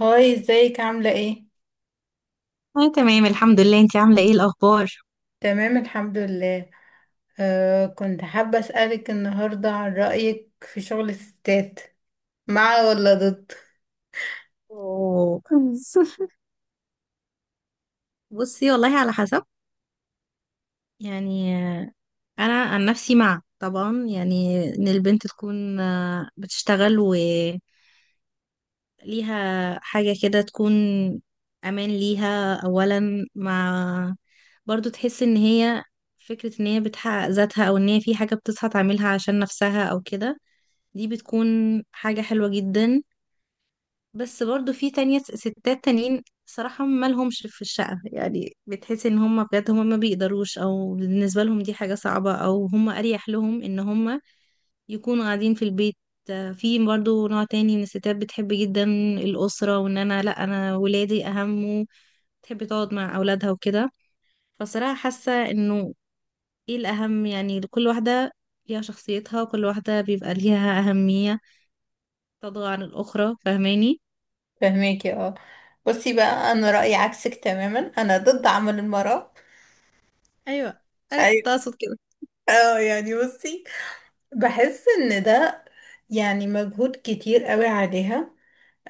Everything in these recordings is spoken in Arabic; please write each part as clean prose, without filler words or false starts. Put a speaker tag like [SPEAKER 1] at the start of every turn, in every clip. [SPEAKER 1] هاي، ازيك؟ عاملة ايه؟
[SPEAKER 2] أنا تمام الحمد لله، انتي عاملة ايه الأخبار؟
[SPEAKER 1] تمام، الحمد لله. آه، كنت حابة أسألك النهاردة عن رأيك في شغل الستات. مع ولا ضد؟
[SPEAKER 2] أوه. بصي والله على حسب. يعني أنا عن نفسي مع، طبعا يعني إن البنت تكون بتشتغل وليها حاجة كده، تكون أمان ليها أولا، مع برضو تحس إن هي فكرة إن هي بتحقق ذاتها، أو إن هي في حاجة بتصحى تعملها عشان نفسها أو كده، دي بتكون حاجة حلوة جدا. بس برضو في تانية، ستات تانيين صراحة ما لهمش في الشقة، يعني بتحس ان هم بجد ما بيقدروش، او بالنسبة لهم دي حاجة صعبة، او هم اريح لهم ان هم يكونوا قاعدين في البيت. في برضو نوع تاني من الستات بتحب جدا الأسرة، وان انا لا، انا ولادي اهم، تحب تقعد مع اولادها وكده. فصراحة حاسة انه ايه الاهم، يعني لكل واحدة ليها شخصيتها، وكل واحدة بيبقى ليها أهمية تضغى عن الأخرى، فاهماني؟
[SPEAKER 1] فهميكي. اه، بصي بقى، أنا رأيي عكسك تماما. أنا ضد عمل المرأة.
[SPEAKER 2] ايوه، انا
[SPEAKER 1] أيوة.
[SPEAKER 2] كنت اقصد كده.
[SPEAKER 1] اه يعني بصي، بحس إن ده يعني مجهود كتير قوي عليها.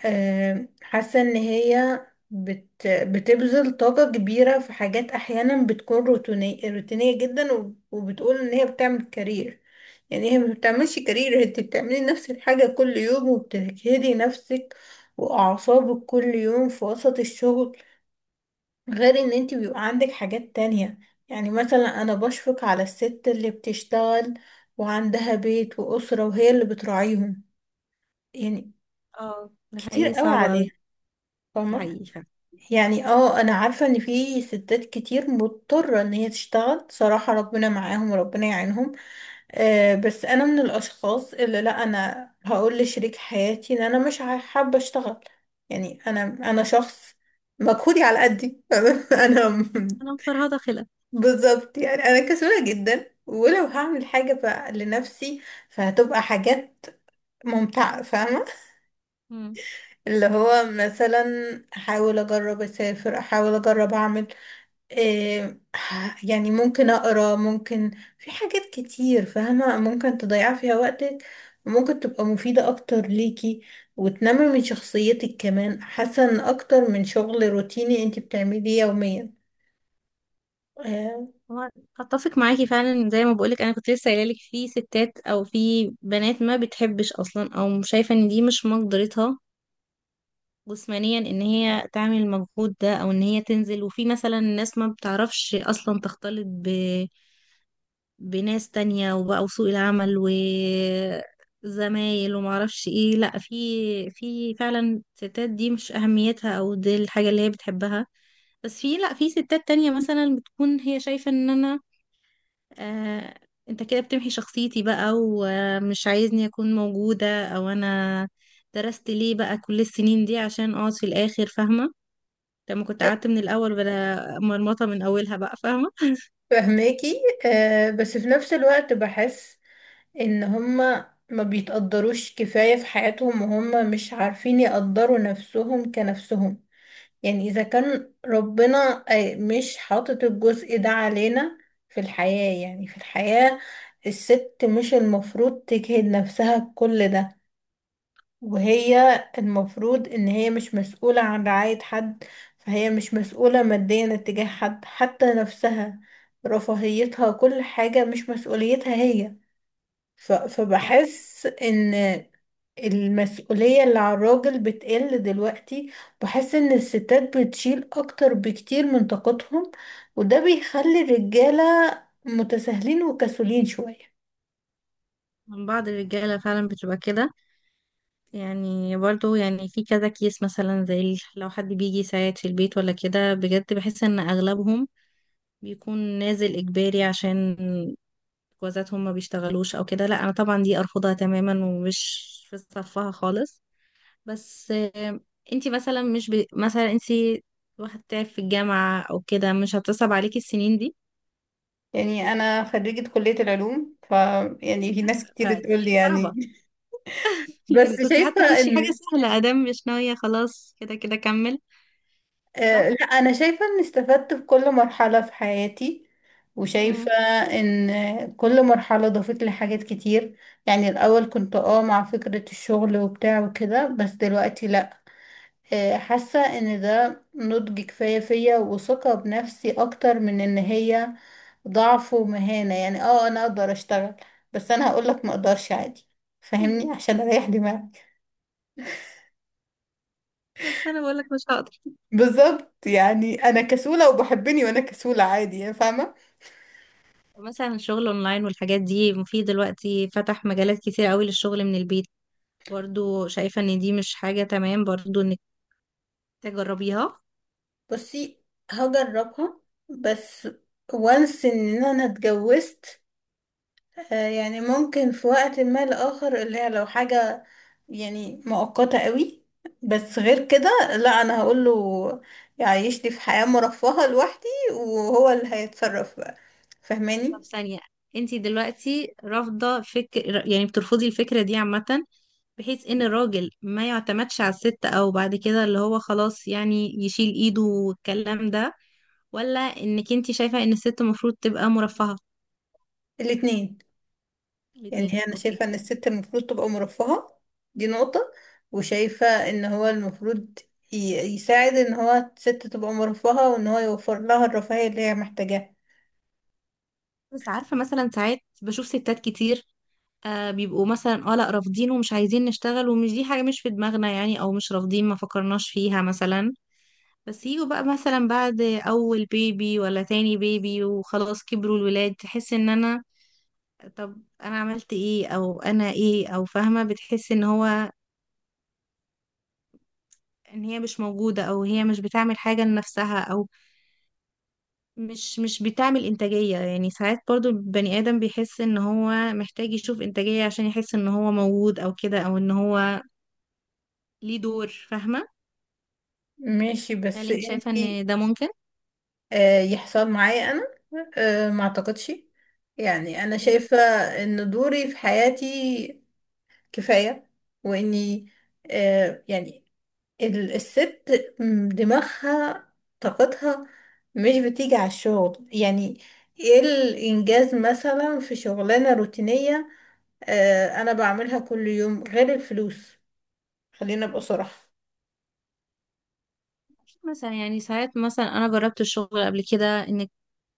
[SPEAKER 1] حاسة ان هي بتبذل طاقة كبيرة في حاجات احيانا بتكون روتينية روتينية جدا، وبتقول ان هي بتعمل كارير. يعني هي ما بتعملش كارير، انت بتعملي نفس الحاجة كل يوم، وبتجهدي نفسك واعصابك كل يوم في وسط الشغل. غير ان انت بيبقى عندك حاجات تانية. يعني مثلا انا بشفق على الست اللي بتشتغل وعندها بيت وأسرة وهي اللي بتراعيهم، يعني
[SPEAKER 2] اه ده
[SPEAKER 1] كتير
[SPEAKER 2] حقيقي
[SPEAKER 1] قوي
[SPEAKER 2] صعب أوي.
[SPEAKER 1] عليها،
[SPEAKER 2] ده
[SPEAKER 1] فاهمة؟
[SPEAKER 2] حقيقي فعلا.
[SPEAKER 1] يعني اه، انا عارفة ان في ستات كتير مضطرة ان هي تشتغل، صراحة ربنا معاهم وربنا يعينهم. آه، بس انا من الاشخاص اللي لا، انا هقول لشريك حياتي ان انا مش حابة اشتغل. يعني انا شخص مجهودي على قدي. انا م-
[SPEAKER 2] أنا مفرهدة خلق.
[SPEAKER 1] بالظبط، يعني انا كسولة جدا، ولو هعمل حاجة لنفسي، فهتبقى حاجات ممتعة، فاهمة؟
[SPEAKER 2] مم.
[SPEAKER 1] اللي هو مثلا احاول اجرب اسافر، احاول اجرب اعمل إيه، يعني ممكن أقرأ، ممكن في حاجات كتير فاهمة، ممكن تضيع فيها وقتك، وممكن تبقى مفيدة أكتر ليكي، وتنمي من شخصيتك كمان، أحسن أكتر من شغل روتيني أنت بتعمليه يوميا. آه،
[SPEAKER 2] هو اتفق معاكي فعلا، زي ما بقولك انا كنت لسه قايله لك، في ستات او في بنات ما بتحبش اصلا، او شايفه ان دي مش مقدرتها جسمانيا ان هي تعمل المجهود ده، او ان هي تنزل، وفي مثلا ناس ما بتعرفش اصلا تختلط بناس تانية، وبقى سوق العمل وزمايل ومعرفش ايه، لأ في، في فعلا ستات دي مش أهميتها أو دي الحاجة اللي هي بتحبها. بس في، لأ في ستات تانية مثلا بتكون هي شايفة ان انا، آه انت كده بتمحي شخصيتي بقى ومش عايزني اكون موجودة، او انا درست ليه بقى كل السنين دي عشان اقعد في الآخر، فاهمة؟ لما كنت قعدت من الأول بلا مرمطة من أولها بقى، فاهمة؟
[SPEAKER 1] فهماكي. آه، بس في نفس الوقت بحس إن هما ما بيتقدروش كفاية في حياتهم، وهم مش عارفين يقدروا نفسهم كنفسهم. يعني إذا كان ربنا آه، مش حاطط الجزء ده علينا في الحياة، يعني في الحياة الست مش المفروض تجهد نفسها بكل ده، وهي المفروض إن هي مش مسؤولة عن رعاية حد. فهي مش مسؤولة ماديا اتجاه حد، حتى نفسها، رفاهيتها، كل حاجة مش مسؤوليتها هي. فبحس إن المسؤولية اللي على الراجل بتقل دلوقتي. بحس ان الستات بتشيل اكتر بكتير من طاقتهم، وده بيخلي الرجالة متساهلين وكسولين شوية.
[SPEAKER 2] من بعض الرجالة فعلا بتبقى كده، يعني برضو يعني في كذا كيس مثلا، زي لو حد بيجي يساعد في البيت ولا كده، بجد بحس ان اغلبهم بيكون نازل اجباري، عشان جوازاتهم ما بيشتغلوش او كده. لا انا طبعا دي ارفضها تماما، ومش في صفها خالص. بس انتي مثلا مش مثلا انتي واحد تعب في الجامعة او كده، مش هتصعب عليكي السنين دي؟
[SPEAKER 1] يعني انا خريجة كلية العلوم يعني. في ناس كتير تقول لي
[SPEAKER 2] فدي
[SPEAKER 1] يعني.
[SPEAKER 2] صعبة. يعني
[SPEAKER 1] بس
[SPEAKER 2] كنت حتى
[SPEAKER 1] شايفة
[SPEAKER 2] تخشي حاجة
[SPEAKER 1] ان
[SPEAKER 2] سهلة، ادام مش ناوية خلاص، كده كده كمل. صح؟
[SPEAKER 1] آه، لا، انا شايفة ان استفدت في كل مرحلة في حياتي،
[SPEAKER 2] مم.
[SPEAKER 1] وشايفة ان كل مرحلة ضافت لي حاجات كتير. يعني الاول كنت اه، مع فكرة الشغل وبتاع وكده، بس دلوقتي لا. آه، حاسة ان ده نضج كفاية فيا، وثقة بنفسي اكتر من ان هي ضعف ومهانة. يعني اه، انا اقدر اشتغل، بس انا هقولك ما اقدرش عادي، فاهمني؟ عشان اريح دماغي.
[SPEAKER 2] بس انا بقولك مش هقدر.
[SPEAKER 1] بالظبط، يعني انا كسولة وبحبني وانا كسولة عادي، يعني فاهمة.
[SPEAKER 2] مثلا الشغل اونلاين والحاجات دي، في دلوقتي فتح مجالات كتير قوي للشغل من البيت، برضو شايفة ان دي مش حاجة تمام برضو انك تجربيها؟
[SPEAKER 1] بصي، هجربها بس. وانس ان انا اتجوزت. آه، يعني ممكن في وقت ما لآخر اللي هي لو حاجة يعني مؤقتة قوي. بس غير كده لا، انا هقوله يعيشني في حياة مرفهة لوحدي، وهو اللي هيتصرف بقى،
[SPEAKER 2] طب
[SPEAKER 1] فاهماني؟
[SPEAKER 2] ثانية، انتي دلوقتي رافضة فكر، يعني بترفضي الفكرة دي عامة، بحيث ان الراجل ما يعتمدش على الست، او بعد كده اللي هو خلاص يعني يشيل ايده والكلام ده، ولا انك انتي شايفة ان الست المفروض تبقى مرفهة؟
[SPEAKER 1] الاتنين. يعني
[SPEAKER 2] الاتنين،
[SPEAKER 1] هي انا
[SPEAKER 2] اوكي.
[SPEAKER 1] شايفة ان الست المفروض تبقى مرفهة، دي نقطة. وشايفة ان هو المفروض ي- يساعد ان هو الست تبقى مرفهة، وان هو يوفر لها الرفاهية اللي هي محتاجاها.
[SPEAKER 2] بس عارفة مثلا ساعات بشوف ستات كتير، آه بيبقوا مثلا، اه لا رافضين، ومش عايزين نشتغل، ومش دي حاجة مش في دماغنا يعني، او مش رافضين، ما فكرناش فيها مثلا. بس يجوا بقى مثلا بعد اول بيبي ولا تاني بيبي، وخلاص كبروا الولاد، تحس ان انا، طب انا عملت ايه؟ او انا ايه؟ او فاهمة، بتحس ان هو، ان هي مش موجودة، او هي مش بتعمل حاجة لنفسها، او مش بتعمل انتاجية، يعني ساعات برضو البني ادم بيحس ان هو محتاج يشوف انتاجية، عشان يحس ان هو موجود او كده، او ان هو ليه دور، فاهمة؟
[SPEAKER 1] ماشي،
[SPEAKER 2] هل
[SPEAKER 1] بس
[SPEAKER 2] انت شايفة
[SPEAKER 1] انتي
[SPEAKER 2] ان ده ممكن؟
[SPEAKER 1] آه، يحصل معايا انا؟ آه، ما اعتقدش. يعني انا
[SPEAKER 2] اوكي.
[SPEAKER 1] شايفة ان دوري في حياتي كفاية، واني آه، يعني الست دماغها، طاقتها، مش بتيجي على الشغل. يعني ايه الانجاز مثلا في شغلانة روتينية آه، انا بعملها كل يوم غير الفلوس؟ خلينا ابقى صراحة.
[SPEAKER 2] مثلا يعني ساعات، مثلا انا جربت الشغل قبل كده، انك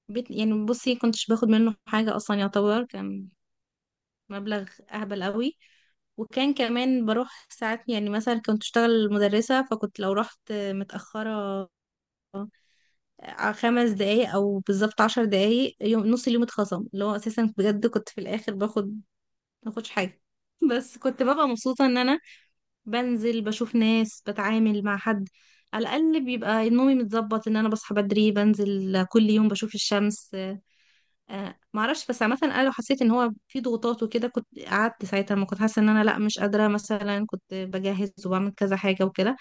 [SPEAKER 2] بيت، يعني بصي كنتش باخد منه حاجة اصلا، يعتبر كان مبلغ اهبل قوي. وكان كمان بروح ساعات، يعني مثلا كنت اشتغل مدرسة، فكنت لو رحت متأخرة 5 دقايق او بالظبط 10 دقايق، يوم نص اليوم اتخصم، اللي هو اساسا بجد كنت في الاخر باخد ماخدش حاجة. بس كنت ببقى مبسوطة ان انا بنزل بشوف ناس، بتعامل مع حد، على الأقل بيبقى نومي متظبط، إن أنا بصحى بدري بنزل كل يوم بشوف الشمس. معرفش، بس عامة أنا لو حسيت إن هو في ضغوطات وكده كنت قعدت ساعتها، ما كنت حاسة إن أنا لأ مش قادرة، مثلا كنت بجهز وبعمل كذا حاجة وكده،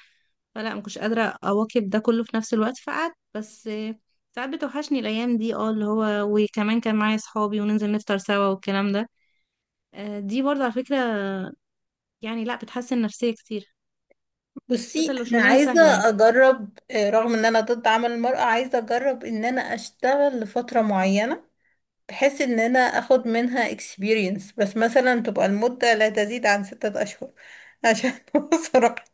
[SPEAKER 2] فلا ما كنتش قادرة أواكب ده كله في نفس الوقت، فقعدت. بس ساعات بتوحشني الأيام دي، اه اللي هو وكمان كان معايا صحابي وننزل نفطر سوا والكلام ده. دي برضه على فكرة، يعني لأ بتحسن نفسية كتير، خاصة
[SPEAKER 1] بصي،
[SPEAKER 2] لو
[SPEAKER 1] انا
[SPEAKER 2] شغلانة سهلة يعني.
[SPEAKER 1] عايزة اجرب، آه، رغم ان انا ضد عمل المرأة، عايزة اجرب ان انا اشتغل لفترة معينة، بحيث ان انا اخد منها experience، بس مثلا تبقى المدة لا تزيد عن 6 اشهر. عشان بصراحة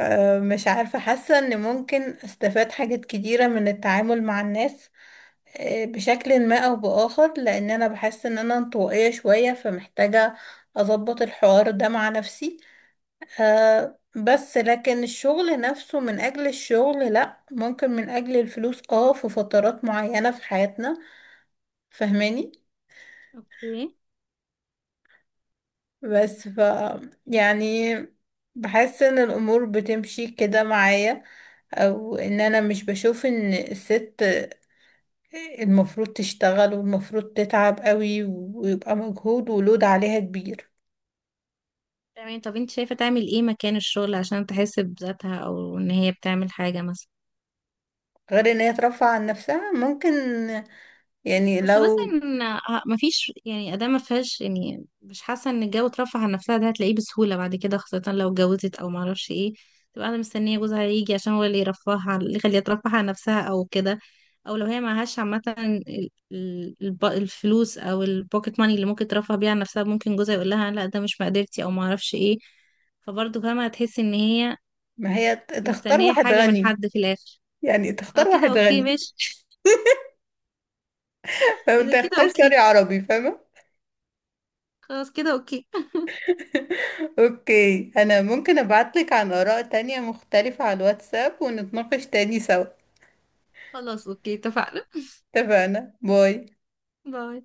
[SPEAKER 1] آه، مش عارفة، حاسة ان ممكن استفاد حاجات كتيرة من التعامل مع الناس، آه، بشكل ما او باخر، لان انا بحس ان انا انطوائية شوية، فمحتاجة اظبط الحوار ده مع نفسي. آه، بس لكن الشغل نفسه من اجل الشغل لا، ممكن من اجل الفلوس، اه، في فترات معينة في حياتنا، فهماني؟
[SPEAKER 2] اوكي
[SPEAKER 1] بس يعني بحس ان الامور بتمشي كده معايا، او ان انا مش بشوف ان الست المفروض تشتغل والمفروض تتعب قوي ويبقى مجهود ولود عليها كبير،
[SPEAKER 2] تمام. طب انت شايفة تعمل ايه مكان الشغل، عشان تحس بذاتها او ان هي بتعمل حاجة مثلا.
[SPEAKER 1] غير ان هي ترفع عن نفسها. ممكن، يعني
[SPEAKER 2] بس
[SPEAKER 1] لو،
[SPEAKER 2] مثلا مفيش يعني، ادام ما فيهاش، يعني مش حاسة ان الجو ترفه عن نفسها ده هتلاقيه بسهولة بعد كده، خاصة لو اتجوزت او معرفش ايه، تبقى قاعدة مستنية جوزها يجي، عشان هو اللي يرفهها اللي يخليها ترفه عن نفسها او كده. او لو هي معهاش عامة الفلوس او البوكيت ماني اللي ممكن ترفه بيها عن نفسها، ممكن جوزها يقول لها لا ده مش مقدرتي او معرفش ايه، فبرضه فاهمة هتحس ان هي
[SPEAKER 1] ما هي تختار
[SPEAKER 2] مستنية
[SPEAKER 1] واحد
[SPEAKER 2] حاجة من
[SPEAKER 1] غني،
[SPEAKER 2] حد في الآخر.
[SPEAKER 1] يعني
[SPEAKER 2] اه
[SPEAKER 1] تختار
[SPEAKER 2] كده
[SPEAKER 1] واحد
[SPEAKER 2] اوكي
[SPEAKER 1] غني.
[SPEAKER 2] ماشي.
[SPEAKER 1] فأنت
[SPEAKER 2] اذا كده
[SPEAKER 1] تختار سوري
[SPEAKER 2] اوكي.
[SPEAKER 1] عربي، فاهمة؟
[SPEAKER 2] خلاص كده اوكي.
[SPEAKER 1] اوكي، انا ممكن ابعتلك عن اراء تانية مختلفة على الواتساب ونتناقش تاني سوا.
[SPEAKER 2] خلاص اوكي اتفقنا.
[SPEAKER 1] اتفقنا، باي.
[SPEAKER 2] باي.